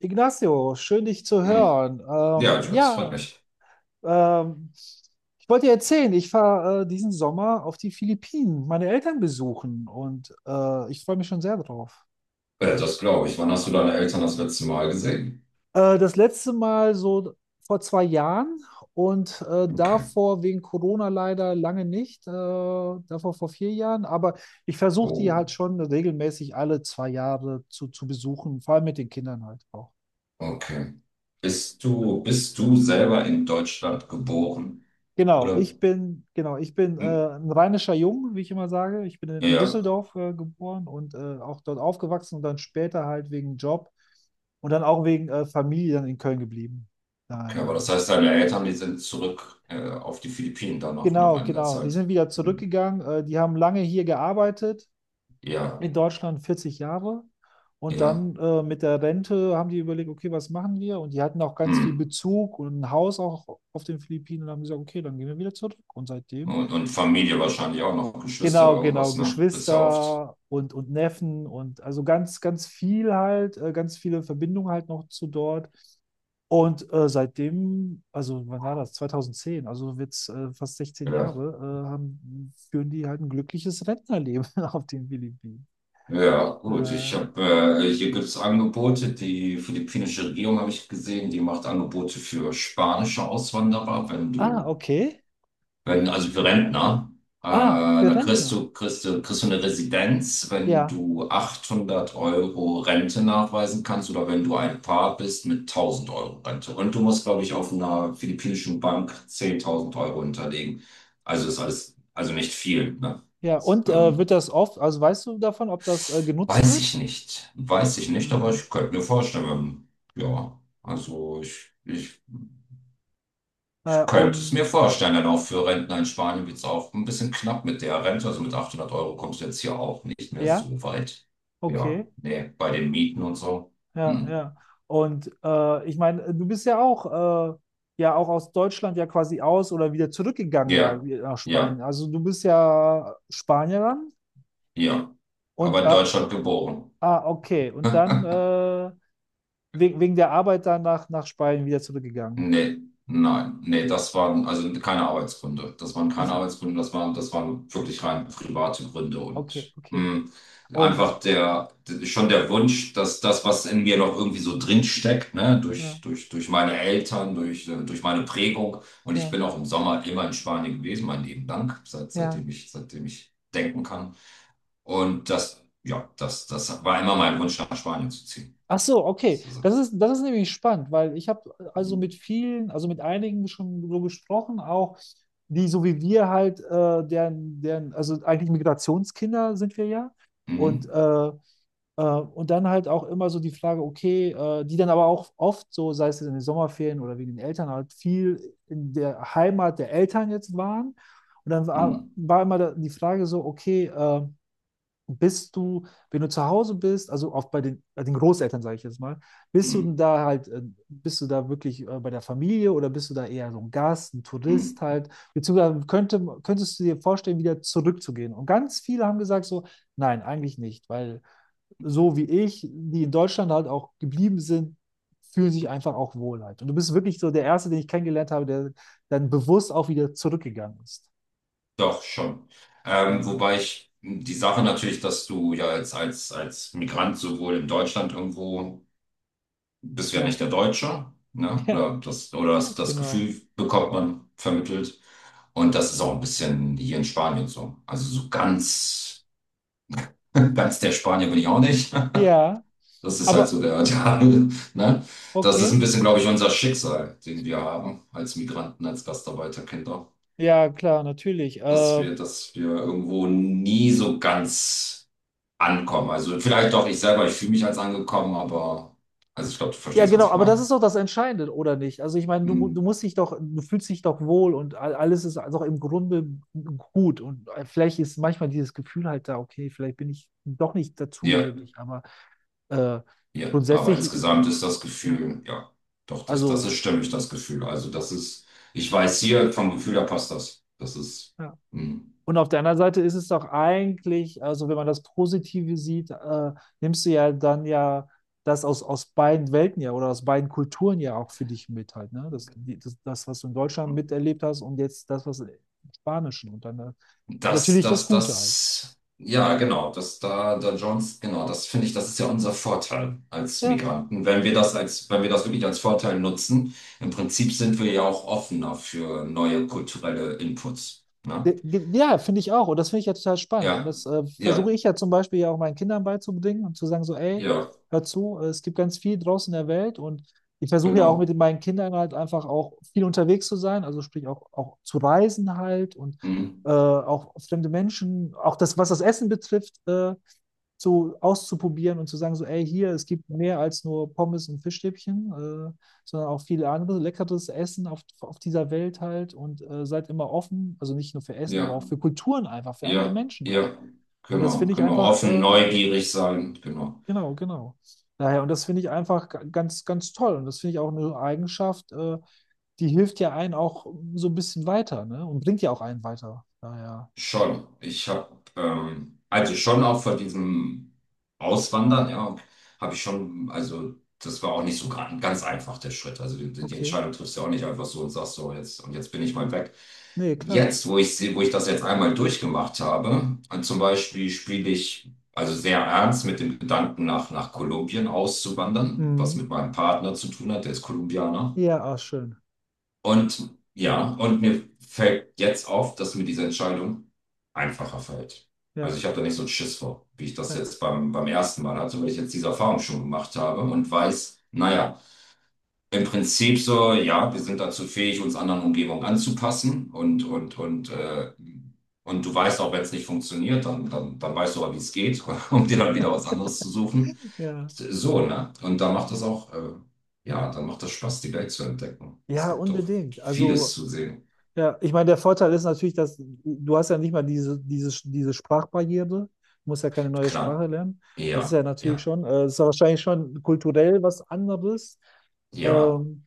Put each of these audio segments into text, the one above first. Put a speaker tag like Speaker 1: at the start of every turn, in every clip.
Speaker 1: Ignacio, schön dich zu
Speaker 2: Hm.
Speaker 1: hören.
Speaker 2: Ja, ich, das freut
Speaker 1: Ja,
Speaker 2: mich.
Speaker 1: ähm, ich wollte dir erzählen, ich fahre diesen Sommer auf die Philippinen, meine Eltern besuchen und ich freue mich schon sehr drauf.
Speaker 2: Das glaube ich. Wann hast du deine Eltern das letzte Mal gesehen?
Speaker 1: Das letzte Mal so vor 2 Jahren und
Speaker 2: Okay.
Speaker 1: davor wegen Corona leider lange nicht, davor vor 4 Jahren, aber ich versuche die
Speaker 2: Oh,
Speaker 1: halt schon regelmäßig alle 2 Jahre zu besuchen, vor allem mit den Kindern halt auch.
Speaker 2: okay. Bist du selber in Deutschland geboren? Oder?
Speaker 1: Genau, ich bin
Speaker 2: Hm.
Speaker 1: ein rheinischer Jung, wie ich immer sage. Ich bin in
Speaker 2: Ja,
Speaker 1: Düsseldorf geboren und auch dort aufgewachsen und dann später halt wegen Job und dann auch wegen Familie dann in Köln geblieben.
Speaker 2: okay. Aber das
Speaker 1: Daher.
Speaker 2: heißt, deine Eltern, die sind zurück, auf die Philippinen dann noch nach
Speaker 1: Genau,
Speaker 2: einiger
Speaker 1: genau. Die
Speaker 2: Zeit.
Speaker 1: sind wieder
Speaker 2: Hm.
Speaker 1: zurückgegangen. Die haben lange hier gearbeitet,
Speaker 2: Ja,
Speaker 1: in Deutschland 40 Jahre. Und
Speaker 2: ja.
Speaker 1: dann mit der Rente haben die überlegt, okay, was machen wir? Und die hatten auch ganz
Speaker 2: Hm.
Speaker 1: viel Bezug und ein Haus auch auf den Philippinen und haben gesagt, okay, dann gehen wir wieder zurück. Und seitdem.
Speaker 2: Und Familie wahrscheinlich auch noch, Geschwister oder
Speaker 1: Genau, genau,
Speaker 2: irgendwas, ne? Bist ja oft.
Speaker 1: Geschwister und Neffen und also ganz, ganz viel halt, ganz viele Verbindungen halt noch zu dort. Und seitdem, also wann war das? 2010, also wird's fast 16
Speaker 2: Ja.
Speaker 1: Jahre, führen die halt ein glückliches Rentnerleben auf den Philippinen.
Speaker 2: Ja, gut.
Speaker 1: Äh,
Speaker 2: Hier gibt es Angebote. Die philippinische Regierung habe ich gesehen, die macht Angebote für spanische Auswanderer, wenn
Speaker 1: ah,
Speaker 2: du,
Speaker 1: okay.
Speaker 2: wenn, also für Rentner. Äh,
Speaker 1: Ah, für
Speaker 2: da kriegst
Speaker 1: Rentner.
Speaker 2: du, kriegst du, kriegst du eine Residenz, wenn
Speaker 1: Ja,
Speaker 2: du 800 Euro Rente nachweisen kannst oder wenn du ein Paar bist mit 1.000 Euro Rente. Und du musst, glaube ich, auf einer philippinischen Bank 10.000 Euro hinterlegen. Also ist alles, also nicht viel, ne?
Speaker 1: ja. Und wird
Speaker 2: Ähm,
Speaker 1: das oft, also weißt du davon, ob das genutzt
Speaker 2: Weiß
Speaker 1: wird?
Speaker 2: ich nicht. Weiß ich nicht, aber
Speaker 1: Ähm,
Speaker 2: ich könnte mir vorstellen, ja, also ich könnte es mir
Speaker 1: und
Speaker 2: vorstellen, denn auch für Rentner in Spanien wird es auch ein bisschen knapp mit der Rente. Also mit 800 Euro kommst du jetzt hier auch nicht mehr
Speaker 1: ja,
Speaker 2: so weit. Ja,
Speaker 1: okay.
Speaker 2: nee, bei den Mieten und so.
Speaker 1: Ja,
Speaker 2: Hm.
Speaker 1: ja. Und ich meine, du bist ja auch aus Deutschland ja quasi aus oder wieder zurückgegangen ja
Speaker 2: Ja,
Speaker 1: nach Spanien.
Speaker 2: ja,
Speaker 1: Also du bist ja Spanierin
Speaker 2: ja.
Speaker 1: und
Speaker 2: Aber in Deutschland geboren.
Speaker 1: ah, okay. Und dann wegen der Arbeit dann nach Spanien wieder zurückgegangen.
Speaker 2: Nee, nein, nee, das waren also keine Arbeitsgründe. Das waren keine
Speaker 1: Also,
Speaker 2: Arbeitsgründe, das waren wirklich rein private Gründe
Speaker 1: okay,
Speaker 2: und
Speaker 1: okay. Und
Speaker 2: einfach schon der Wunsch, dass das, was in mir noch irgendwie so drin steckt, ne,
Speaker 1: ja,
Speaker 2: durch meine Eltern, durch meine Prägung. Und ich bin
Speaker 1: ja,
Speaker 2: auch im Sommer immer in Spanien gewesen, mein Leben lang, seit,
Speaker 1: ja.
Speaker 2: seitdem ich, seitdem ich denken kann. Und das, ja, das, das war immer mein Wunsch, nach Spanien zu ziehen.
Speaker 1: Ach so,
Speaker 2: Das
Speaker 1: okay.
Speaker 2: ist, also.
Speaker 1: Das ist nämlich spannend, weil ich habe also
Speaker 2: Mh,
Speaker 1: mit vielen, also mit einigen schon so gesprochen, auch die so wie wir halt, also eigentlich Migrationskinder sind wir ja.
Speaker 2: mh,
Speaker 1: Und, äh, und dann halt auch immer so die Frage, okay, die dann aber auch oft so, sei es in den Sommerferien oder wegen den Eltern, halt viel in der Heimat der Eltern jetzt waren. Und dann
Speaker 2: mh,
Speaker 1: war immer die Frage so, okay, bist du, wenn du zu Hause bist, also oft bei den Großeltern, sage ich jetzt mal, bist du
Speaker 2: mh,
Speaker 1: denn da halt, äh, bist du da wirklich bei der Familie oder bist du da eher so ein Gast, ein Tourist
Speaker 2: mh.
Speaker 1: halt? Beziehungsweise könntest du dir vorstellen, wieder zurückzugehen? Und ganz viele haben gesagt so, nein, eigentlich nicht, weil so wie ich, die in Deutschland halt auch geblieben sind, fühlen sich einfach auch wohl halt. Und du bist wirklich so der Erste, den ich kennengelernt habe, der dann bewusst auch wieder zurückgegangen ist.
Speaker 2: Doch, schon.
Speaker 1: Ja,
Speaker 2: Wobei ich die Sache natürlich, dass du ja als Migrant sowohl in Deutschland irgendwo bist du ja
Speaker 1: ja,
Speaker 2: nicht der Deutsche, ne?
Speaker 1: ja,
Speaker 2: Oder das
Speaker 1: genau.
Speaker 2: Gefühl bekommt man vermittelt. Und das ist auch ein bisschen hier in Spanien so. Also so ganz, ganz der Spanier bin ich auch nicht.
Speaker 1: Ja,
Speaker 2: Das ist halt so
Speaker 1: aber
Speaker 2: der, der, ne? Das ist ein
Speaker 1: okay,
Speaker 2: bisschen, glaube ich, unser Schicksal, den wir haben als Migranten, als Gastarbeiterkinder,
Speaker 1: ja, klar, natürlich.
Speaker 2: dass wir, dass wir irgendwo nie so ganz ankommen. Also vielleicht doch ich selber, ich fühle mich als angekommen, aber also ich glaube, du
Speaker 1: Ja,
Speaker 2: verstehst, was
Speaker 1: genau,
Speaker 2: ich
Speaker 1: aber das
Speaker 2: meine.
Speaker 1: ist doch das Entscheidende, oder nicht? Also ich meine, du
Speaker 2: Hm.
Speaker 1: musst dich doch, du fühlst dich doch wohl und alles ist also im Grunde gut. Und vielleicht ist manchmal dieses Gefühl halt da, okay, vielleicht bin ich doch nicht
Speaker 2: Ja,
Speaker 1: dazugehörig, aber äh,
Speaker 2: ja. Aber
Speaker 1: grundsätzlich,
Speaker 2: insgesamt ist das
Speaker 1: ja,
Speaker 2: Gefühl, ja, doch, das, das ist
Speaker 1: also.
Speaker 2: stimmig, das Gefühl. Also das ist, ich weiß hier vom Gefühl, da passt das. Das ist.
Speaker 1: Ja.
Speaker 2: hm.
Speaker 1: Und auf der anderen Seite ist es doch eigentlich, also wenn man das Positive sieht, nimmst du ja dann ja das aus beiden Welten ja oder aus beiden Kulturen ja auch für dich mit halt, ne? Das, die- das, das, was du in Deutschland miterlebt hast und jetzt das, was im Spanischen und dann
Speaker 2: Das,
Speaker 1: natürlich das
Speaker 2: das,
Speaker 1: Gute halt.
Speaker 2: das, ja, genau, das da, da Jones, genau, das finde ich, das ist ja unser Vorteil als
Speaker 1: Ja.
Speaker 2: Migranten. Wenn wir das wirklich als Vorteil nutzen, im Prinzip sind wir ja auch offener für neue kulturelle Inputs. Ne?
Speaker 1: Ja, finde ich auch. Und das finde ich ja total spannend. Und
Speaker 2: Ja,
Speaker 1: das
Speaker 2: ja,
Speaker 1: versuche ich ja zum Beispiel ja auch meinen Kindern beizubringen und zu sagen so, ey,
Speaker 2: ja,
Speaker 1: hör zu, es gibt ganz viel draußen in der Welt. Und ich versuche ja auch mit
Speaker 2: genau.
Speaker 1: meinen Kindern halt einfach auch viel unterwegs zu sein. Also sprich auch zu reisen halt und
Speaker 2: Mhm.
Speaker 1: auch fremde Menschen, auch das, was das Essen betrifft. So auszuprobieren und zu sagen, so, ey, hier, es gibt mehr als nur Pommes und Fischstäbchen, sondern auch viele andere leckeres Essen auf dieser Welt halt und seid immer offen, also nicht nur für Essen, aber
Speaker 2: Ja,
Speaker 1: auch für Kulturen einfach, für andere
Speaker 2: ja,
Speaker 1: Menschen
Speaker 2: ja,
Speaker 1: halt. Und das
Speaker 2: genau,
Speaker 1: finde ich
Speaker 2: genau.
Speaker 1: einfach,
Speaker 2: Offen, neugierig sein, genau.
Speaker 1: genau, genau. Daher, und das finde ich einfach ganz, ganz toll. Und das finde ich auch eine Eigenschaft, die hilft ja einen auch so ein bisschen weiter, ne? Und bringt ja auch einen weiter. Daher,
Speaker 2: Schon. Also schon auch vor diesem Auswandern, ja, habe ich schon, also das war auch nicht so ganz einfach, der Schritt. Also die
Speaker 1: okay.
Speaker 2: Entscheidung triffst du ja auch nicht einfach so und sagst so, jetzt, und jetzt bin ich mal weg.
Speaker 1: Nee, klar.
Speaker 2: Jetzt, wo ich sehe, wo ich das jetzt einmal durchgemacht habe, und zum Beispiel spiele ich also sehr ernst mit dem Gedanken, nach Kolumbien auszuwandern, was
Speaker 1: Mhm.
Speaker 2: mit meinem Partner zu tun hat, der ist Kolumbianer.
Speaker 1: Ja, auch schön.
Speaker 2: Und ja, und mir fällt jetzt auf, dass mir diese Entscheidung einfacher fällt. Also
Speaker 1: Ja,
Speaker 2: ich habe da nicht so einen Schiss vor, wie ich das
Speaker 1: ja,
Speaker 2: jetzt beim ersten Mal hatte, weil ich jetzt diese Erfahrung schon gemacht habe und weiß, naja, im Prinzip so, ja, wir sind dazu fähig, uns anderen Umgebungen anzupassen und du weißt auch, wenn es nicht funktioniert, dann weißt du aber, wie es geht, um dir dann wieder was anderes zu suchen.
Speaker 1: ja.
Speaker 2: So, ne? Und da macht das auch, ja, dann macht das Spaß, die Welt zu entdecken. Es
Speaker 1: Ja,
Speaker 2: gibt doch
Speaker 1: unbedingt.
Speaker 2: vieles
Speaker 1: Also,
Speaker 2: zu sehen.
Speaker 1: ja, ich meine, der Vorteil ist natürlich, dass du hast ja nicht mal diese Sprachbarriere, du musst ja keine neue
Speaker 2: Klar.
Speaker 1: Sprache lernen. Das ist
Speaker 2: Ja,
Speaker 1: ja natürlich schon, das ist ja wahrscheinlich schon kulturell was anderes.
Speaker 2: ja,
Speaker 1: Ähm,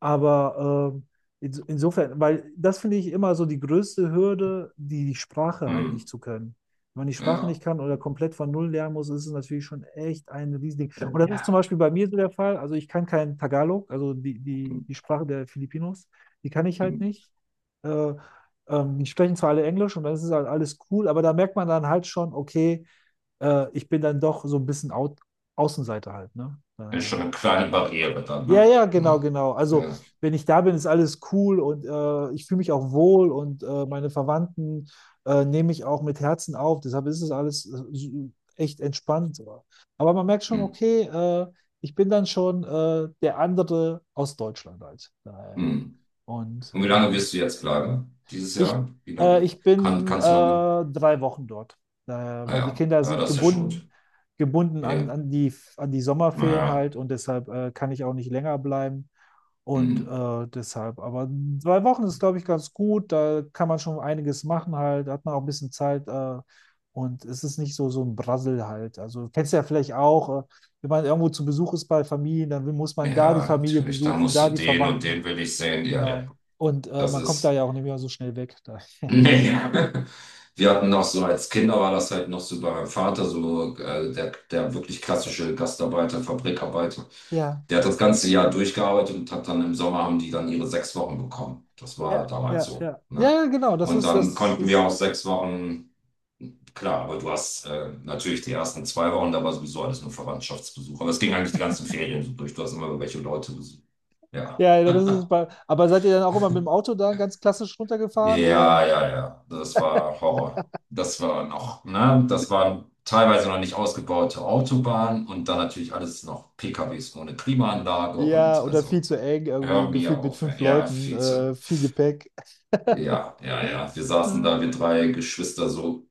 Speaker 1: aber insofern, weil das finde ich immer so die größte Hürde, die Sprache halt
Speaker 2: hm,
Speaker 1: nicht zu können. Wenn man die Sprache
Speaker 2: ja,
Speaker 1: nicht kann oder komplett von Null lernen muss, ist es natürlich schon echt ein Riesending. Und das ist zum
Speaker 2: ja.
Speaker 1: Beispiel bei mir so der Fall. Also ich kann kein Tagalog, also die, die,
Speaker 2: Hm,
Speaker 1: die Sprache der Filipinos, die kann ich
Speaker 2: hm.
Speaker 1: halt nicht. äh, Die sprechen zwar alle Englisch und dann ist es halt alles cool, aber da merkt man dann halt schon, okay, ich bin dann doch so ein bisschen au Außenseiter halt, ne?
Speaker 2: Ist schon
Speaker 1: Naja.
Speaker 2: eine kleine Barriere dann,
Speaker 1: Ja,
Speaker 2: ne?
Speaker 1: ja, genau,
Speaker 2: Genau.
Speaker 1: genau. Also,
Speaker 2: Ja.
Speaker 1: wenn ich da bin, ist alles cool und ich fühle mich auch wohl und meine Verwandten nehme ich auch mit Herzen auf. Deshalb ist es alles so echt entspannt. So. Aber man merkt schon,
Speaker 2: Hm,
Speaker 1: okay, ich bin dann schon der andere aus Deutschland halt. Naja.
Speaker 2: hm.
Speaker 1: Und
Speaker 2: Und wie lange wirst du jetzt bleiben? Dieses
Speaker 1: ich,
Speaker 2: Jahr? Wie lange?
Speaker 1: ich
Speaker 2: Kann,
Speaker 1: bin
Speaker 2: kannst du lange?
Speaker 1: 3 Wochen dort, weil die
Speaker 2: Naja,
Speaker 1: Kinder
Speaker 2: ja, ja,
Speaker 1: sind
Speaker 2: das ist ja schon gut.
Speaker 1: gebunden, gebunden an,
Speaker 2: Ja,
Speaker 1: an die, an die Sommerferien
Speaker 2: naja,
Speaker 1: halt und deshalb kann ich auch nicht länger bleiben. Und
Speaker 2: hm.
Speaker 1: deshalb, aber 2 Wochen ist, glaube ich, ganz gut. Da kann man schon einiges machen halt, da hat man auch ein bisschen Zeit und es ist nicht so, so ein Brassel halt. Also kennst du ja vielleicht auch, wenn man irgendwo zu Besuch ist bei Familien, dann muss man da die
Speaker 2: Ja,
Speaker 1: Familie
Speaker 2: natürlich. Da
Speaker 1: besuchen,
Speaker 2: musst du
Speaker 1: da die
Speaker 2: den und
Speaker 1: Verwandten.
Speaker 2: den will ich sehen. Ja, ja.
Speaker 1: Genau. Und
Speaker 2: Das
Speaker 1: man kommt da
Speaker 2: ist.
Speaker 1: ja auch nicht mehr so schnell weg. Da.
Speaker 2: Nee. Wir hatten noch so, als Kinder war das halt noch so bei meinem Vater, so der, der wirklich klassische Gastarbeiter, Fabrikarbeiter.
Speaker 1: Ja,
Speaker 2: Der hat das ganze Jahr durchgearbeitet und hat dann im Sommer haben die dann ihre 6 Wochen bekommen. Das war
Speaker 1: ja,
Speaker 2: damals
Speaker 1: ja,
Speaker 2: so.
Speaker 1: ja.
Speaker 2: Ne?
Speaker 1: Ja, genau,
Speaker 2: Und dann konnten wir auch 6 Wochen, klar, aber du hast natürlich die ersten 2 Wochen, da war sowieso alles nur Verwandtschaftsbesuch. Aber es ging eigentlich die ganzen Ferien so durch. Du hast immer welche Leute besucht. Ja.
Speaker 1: ja, ja, aber seid ihr dann auch immer mit dem Auto da ganz klassisch runtergefahren oder?
Speaker 2: Ja, ja, ja, das war Horror. Das war noch, ne, das waren teilweise noch nicht ausgebaute Autobahnen und dann natürlich alles noch PKWs ohne Klimaanlage
Speaker 1: Ja,
Speaker 2: und
Speaker 1: oder viel
Speaker 2: also
Speaker 1: zu eng,
Speaker 2: hör
Speaker 1: irgendwie
Speaker 2: mir
Speaker 1: gefühlt mit
Speaker 2: auf,
Speaker 1: fünf
Speaker 2: ey. Ja,
Speaker 1: Leuten,
Speaker 2: 14.
Speaker 1: viel Gepäck.
Speaker 2: Ja, ja, ja, wir saßen
Speaker 1: Ja,
Speaker 2: da, wir drei Geschwister so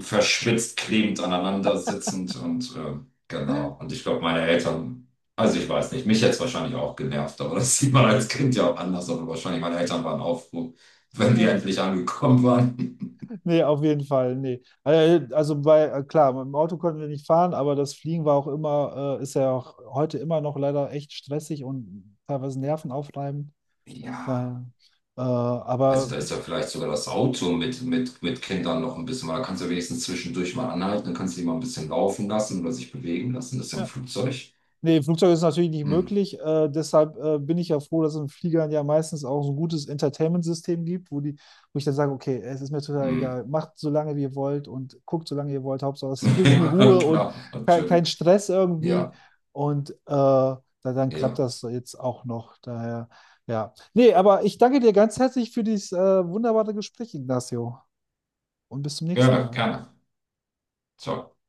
Speaker 2: verschwitzt, klebend aneinander sitzend und genau. Und ich glaube, meine Eltern, also ich weiß nicht, mich hätte es wahrscheinlich auch genervt, aber das sieht man als Kind ja auch anders, aber wahrscheinlich meine Eltern waren auch froh, wenn wir
Speaker 1: ja.
Speaker 2: endlich angekommen waren.
Speaker 1: Nee, auf jeden Fall, nee. Klar, mit dem Auto konnten wir nicht fahren, aber das Fliegen war auch immer, ist ja auch heute immer noch leider echt stressig und teilweise nervenaufreibend.
Speaker 2: Ja,
Speaker 1: Daher.
Speaker 2: also
Speaker 1: Aber
Speaker 2: da ist ja vielleicht sogar das Auto mit Kindern noch ein bisschen, weil da kannst du ja wenigstens zwischendurch mal anhalten, dann kannst du die mal ein bisschen laufen lassen oder sich bewegen lassen. Das ist ja im
Speaker 1: ja.
Speaker 2: Flugzeug.
Speaker 1: Nee, Flugzeug ist natürlich nicht
Speaker 2: Hm,
Speaker 1: möglich. Deshalb bin ich ja froh, dass es in Fliegern ja meistens auch so ein gutes Entertainment-System gibt, wo ich dann sage, okay, es ist mir total
Speaker 2: hm.
Speaker 1: egal, macht so lange wie ihr wollt und guckt so lange ihr wollt, Hauptsache es ist ein bisschen
Speaker 2: Ja,
Speaker 1: Ruhe und
Speaker 2: klar,
Speaker 1: kein,
Speaker 2: natürlich.
Speaker 1: kein Stress irgendwie.
Speaker 2: Ja,
Speaker 1: Und dann klappt
Speaker 2: ja.
Speaker 1: das jetzt auch noch. Daher, ja. Nee, aber ich danke dir ganz herzlich für dieses wunderbare Gespräch, Ignacio. Und bis zum nächsten
Speaker 2: Gerne,
Speaker 1: Mal.
Speaker 2: gerne. Ciao.